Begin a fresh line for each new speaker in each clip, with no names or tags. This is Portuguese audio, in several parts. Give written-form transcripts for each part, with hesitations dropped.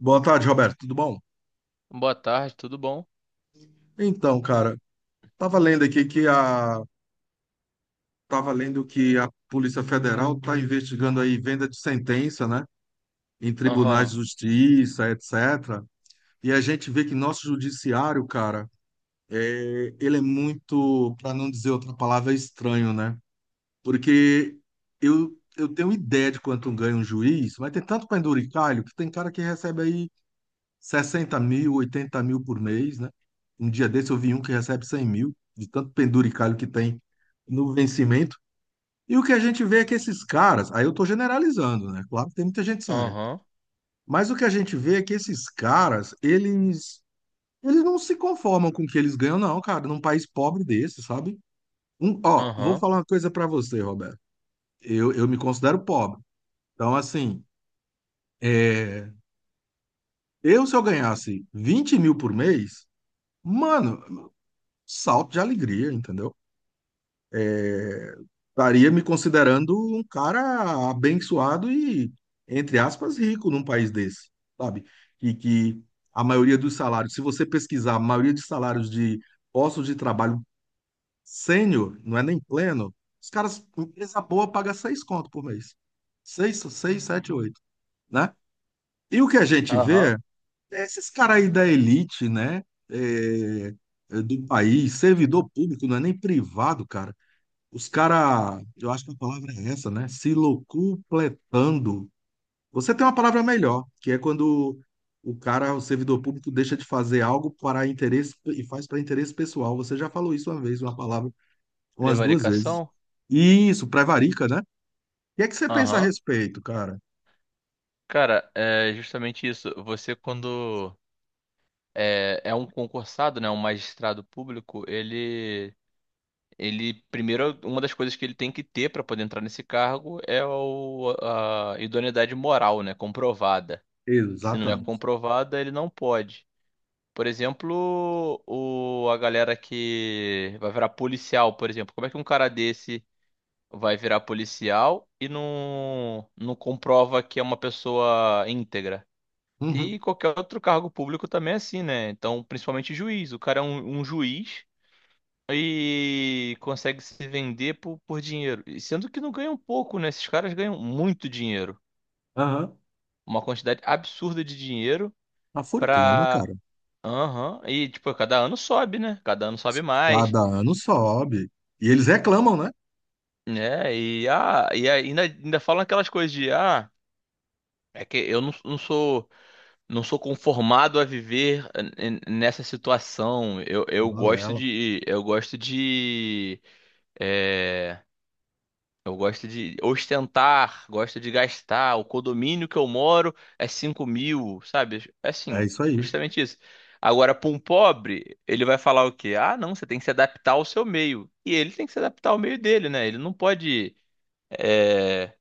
Boa tarde, Roberto. Tudo bom?
Boa tarde, tudo bom?
Então, cara, tava lendo aqui que a tava lendo que a Polícia Federal está investigando aí venda de sentença, né, em tribunais
Aham,
de justiça, etc. E a gente vê que nosso judiciário, cara, ele é muito, para não dizer outra palavra, estranho, né? Porque eu tenho ideia de quanto ganha um juiz, mas tem tanto penduricalho que tem cara que recebe aí 60 mil, 80 mil por mês, né? Um dia desse eu vi um que recebe 100 mil, de tanto penduricalho que tem no vencimento. E o que a gente vê é que esses caras, aí eu estou generalizando, né? Claro que tem muita gente séria,
aham,
mas o que a gente vê é que esses caras, eles não se conformam com o que eles ganham, não, cara, num país pobre desse, sabe? Um, ó, vou
aham,
falar uma coisa para você, Roberto. Eu me considero pobre. Então, assim, é, eu se eu ganhasse 20 mil por mês, mano, salto de alegria, entendeu? Estaria me considerando um cara abençoado e, entre aspas, rico num país desse, sabe? E que a maioria dos salários, se você pesquisar, a maioria dos salários de postos de trabalho sênior, não é nem pleno, os caras, empresa boa paga seis conto por mês. Seis, seis, sete, oito, né? E o que a gente
aham.
vê é esses caras aí da elite, né? É, do país, servidor público, não é nem privado, cara. Os caras, eu acho que a palavra é essa, né? Se locupletando. Você tem uma palavra melhor, que é quando o cara, o servidor público, deixa de fazer algo para interesse e faz para interesse pessoal. Você já falou isso uma vez, uma palavra, umas duas vezes.
Prevaricação?
Isso, prevarica, né? E é que você pensa a
Aham.
respeito, cara?
Cara, é justamente isso. Você, quando é um concursado, né, um magistrado público, ele primeiro, uma das coisas que ele tem que ter para poder entrar nesse cargo é a idoneidade moral, né, comprovada. Se não é
Exatamente.
comprovada, ele não pode. Por exemplo, o, a galera que vai virar policial, por exemplo, como é que um cara desse vai virar policial e não comprova que é uma pessoa íntegra.
Uhum,
E qualquer outro cargo público também é assim, né? Então, principalmente juiz. O cara é um juiz e consegue se vender por dinheiro. E sendo que não ganham pouco, né? Esses caras ganham muito dinheiro.
aham.
Uma quantidade absurda de dinheiro
A fortuna,
pra.
cara,
Aham. E, tipo, cada ano sobe, né? Cada ano sobe mais.
cada ano sobe. E eles reclamam, né?
Né? E, ah, e ainda, ainda falam aquelas coisas de, ah, é que eu não sou conformado a viver nessa situação. Eu gosto
Balela.
de, é, eu gosto de ostentar, gosto de gastar. O condomínio que eu moro é 5.000, sabe? É
É
Assim,
isso aí.
justamente isso. Agora, para um pobre, ele vai falar o quê? Ah, não, você tem que se adaptar ao seu meio. E ele tem que se adaptar ao meio dele, né? Ele não pode, eh,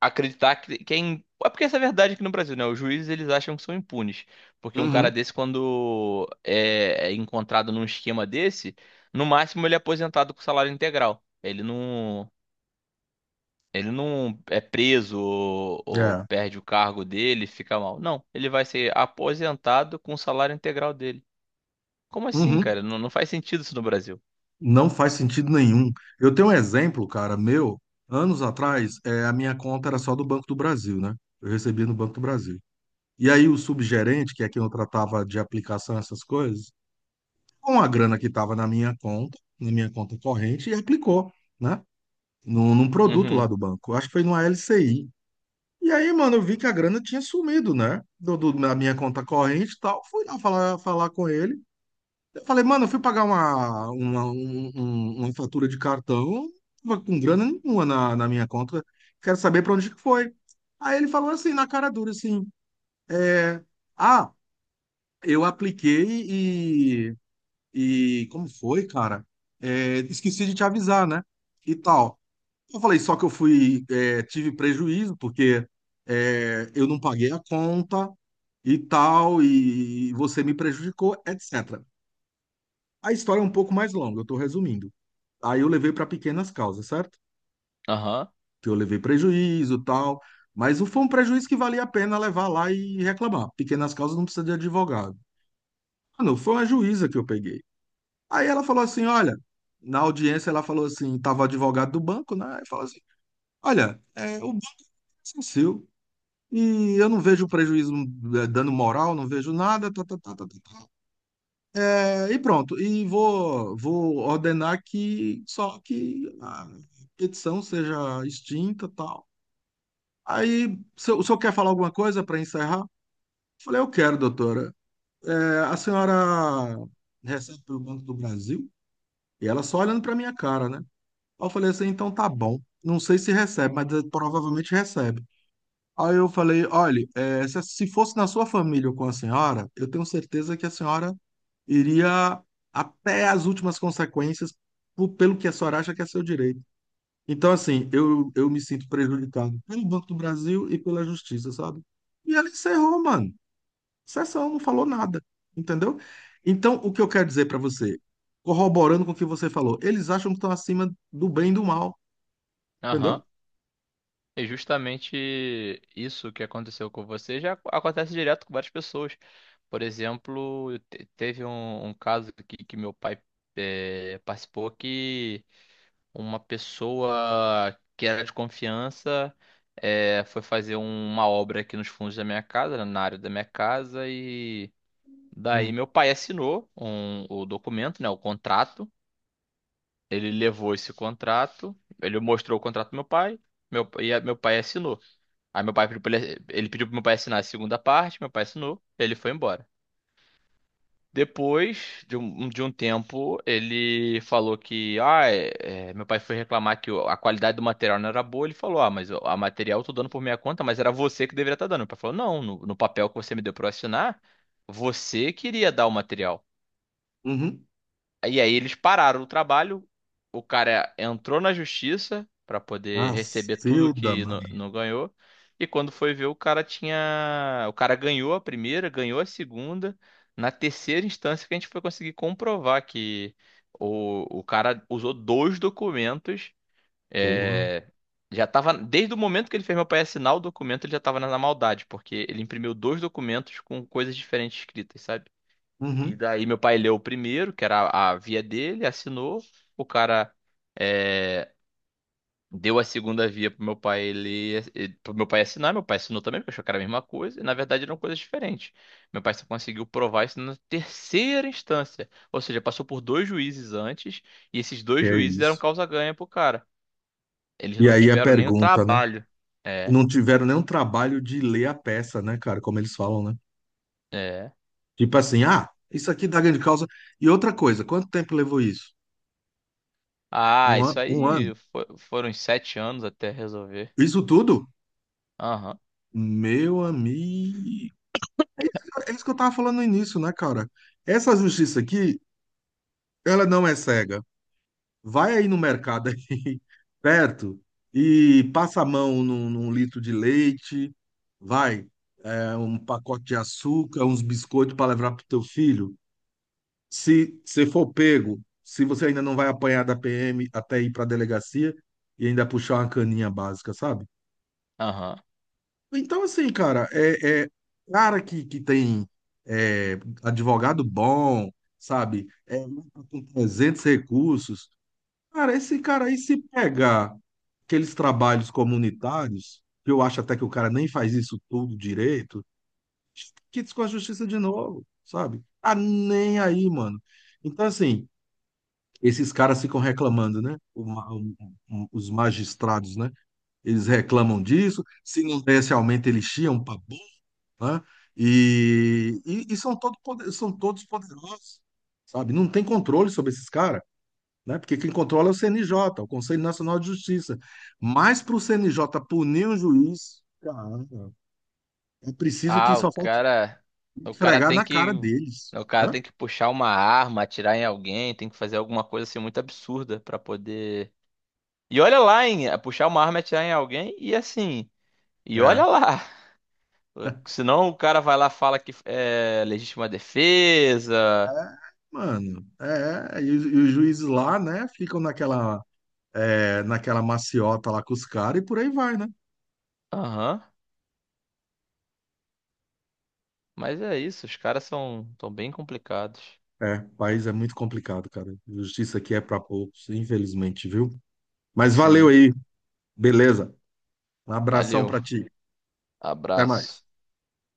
acreditar que, quem é, é porque essa é a verdade aqui no Brasil, né? Os juízes eles acham que são impunes, porque um cara
Uhum.
desse quando é encontrado num esquema desse, no máximo ele é aposentado com salário integral. Ele não é preso ou
É.
perde o cargo dele, fica mal. Não, ele vai ser aposentado com o salário integral dele. Como assim,
Uhum.
cara? Não faz sentido isso no Brasil.
Não faz sentido nenhum. Eu tenho um exemplo, cara, meu, anos atrás, a minha conta era só do Banco do Brasil, né? Eu recebia no Banco do Brasil. E aí o subgerente, que é quem eu tratava de aplicação, essas coisas, com a grana que estava na minha conta corrente, e aplicou, né? Num produto lá
Uhum.
do banco. Acho que foi numa LCI. E aí, mano, eu vi que a grana tinha sumido, né? Da minha conta corrente e tal. Fui lá falar, falar com ele. Eu falei, mano, eu fui pagar uma fatura de cartão, tava com grana nenhuma na minha conta, quero saber para onde que foi. Aí ele falou assim, na cara dura, assim, é, ah, eu apliquei e, e como foi, cara? Esqueci de te avisar, né? E tal. Eu falei, só que eu fui, tive prejuízo, porque eu não paguei a conta e tal, e você me prejudicou, etc. A história é um pouco mais longa, eu estou resumindo. Aí eu levei para pequenas causas, certo?
Aham.
Que eu levei prejuízo, tal, mas o- foi um prejuízo que valia a pena levar lá e reclamar. Pequenas causas não precisa de advogado. Ah, não, foi uma juíza que eu peguei. Aí ela falou assim, olha, na audiência ela falou assim, tava o advogado do banco, né? Aí falou assim, olha, o banco é seu e eu não vejo prejuízo, dano moral, não vejo nada, tá, tá, tá, tá, tá, tá. É, e pronto, e vou, vou ordenar que só que a petição seja extinta, tal. Aí, o senhor quer falar alguma coisa para encerrar? Falei, eu quero, doutora. É, a senhora recebe pelo Banco do Brasil? E ela só olhando para minha cara, né? Aí eu falei assim, então tá bom. Não sei se recebe, mas provavelmente recebe. Aí eu falei, olha, se fosse na sua família ou com a senhora, eu tenho certeza que a senhora iria até as últimas consequências pelo que a senhora acha que é seu direito. Então, assim, eu me sinto prejudicado pelo Banco do Brasil e pela Justiça, sabe? E ela encerrou, mano. Sessão, não falou nada, entendeu? Então, o que eu quero dizer para você, corroborando com o que você falou, eles acham que estão acima do bem e do mal,
Aham.
entendeu?
E justamente isso que aconteceu com você já acontece direto com várias pessoas. Por exemplo, teve um caso que meu pai participou que uma pessoa que era de confiança foi fazer uma obra aqui nos fundos da minha casa, né, na área da minha casa, e daí
Hum.
meu pai assinou o documento, né, o contrato. Ele levou esse contrato, ele mostrou o contrato pro meu pai, meu, e meu pai assinou. Aí meu pai pediu pra ele, ele pediu pro meu pai assinar a segunda parte, meu pai assinou, ele foi embora. Depois de de um tempo, ele falou que, ah, meu pai foi reclamar que a qualidade do material não era boa. Ele falou, ah, mas o a material eu tô dando por minha conta, mas era você que deveria estar dando. Meu pai falou, não, no papel que você me deu pra eu assinar, você queria dar o material.
Uhum.
E aí eles pararam o trabalho, o cara entrou na justiça pra poder receber tudo
Macilda,
que não
mano.
não ganhou. E quando foi ver, o cara tinha, o cara ganhou a primeira, ganhou a segunda, na terceira instância que a gente foi conseguir comprovar que o cara usou dois documentos,
Porra.
é, já tava, desde o momento que ele fez meu pai assinar o documento, ele já tava na maldade, porque ele imprimiu dois documentos com coisas diferentes escritas, sabe? E
Uhum.
daí meu pai leu o primeiro, que era a via dele, assinou. O cara é, deu a segunda via pro meu pai ler, pro meu pai assinar. Meu pai assinou também, porque achou que era a mesma coisa. E na verdade eram coisas diferentes. Meu pai só conseguiu provar isso na terceira instância. Ou seja, passou por dois juízes antes, e esses dois
É
juízes deram
isso.
causa ganha pro cara. Eles
E
não
aí a
tiveram nem o
pergunta, né?
trabalho. É,
Não tiveram nenhum trabalho de ler a peça, né, cara? Como eles falam, né?
é.
Tipo assim, ah, isso aqui dá grande causa. E outra coisa, quanto tempo levou isso?
Ah,
Um ano,
isso
um ano.
aí foram uns 7 anos até resolver.
Isso tudo?
Aham,
Meu amigo. É isso, é isso que eu tava falando no início, né, cara? Essa justiça aqui, ela não é cega. Vai aí no mercado aí, perto, e passa a mão num, num litro de leite, vai, um pacote de açúcar, uns biscoitos para levar pro teu filho. Se você for pego, se você ainda não vai apanhar da PM até ir pra delegacia e ainda puxar uma caninha básica, sabe?
aham.
Então, assim, cara, cara que tem, é, advogado bom, sabe? Com 300 recursos. Cara, esse cara aí, se pegar aqueles trabalhos comunitários, que eu acho até que o cara nem faz isso tudo direito, quites com a justiça de novo, sabe? Tá nem aí, mano. Então, assim, esses caras ficam reclamando, né? O ma- o- os magistrados, né? Eles reclamam disso. Se não desse aumento, eles chiam pra né? E são, são todos poderosos, sabe? Não tem controle sobre esses caras, né? Porque quem controla é o CNJ, o Conselho Nacional de Justiça. Mas para o CNJ punir um juiz, cara, é preciso que
Ah, o
só falte
cara,
esfregar na cara deles,
o cara
né?
tem que puxar uma arma, atirar em alguém, tem que fazer alguma coisa assim muito absurda pra poder. E olha lá, hein, é puxar uma arma, atirar em alguém e assim, e olha
É.
lá. Senão o cara vai lá e fala que é legítima
É,
defesa.
mano, e, os juízes lá, né, ficam naquela, naquela maciota lá com os caras e por aí vai, né?
Aham. Mas é isso, os caras são bem complicados.
É, o país é muito complicado, cara. Justiça aqui é pra poucos, infelizmente, viu? Mas valeu
Sim.
aí, beleza? Um abração
Valeu.
pra ti. Até mais.
Abraço.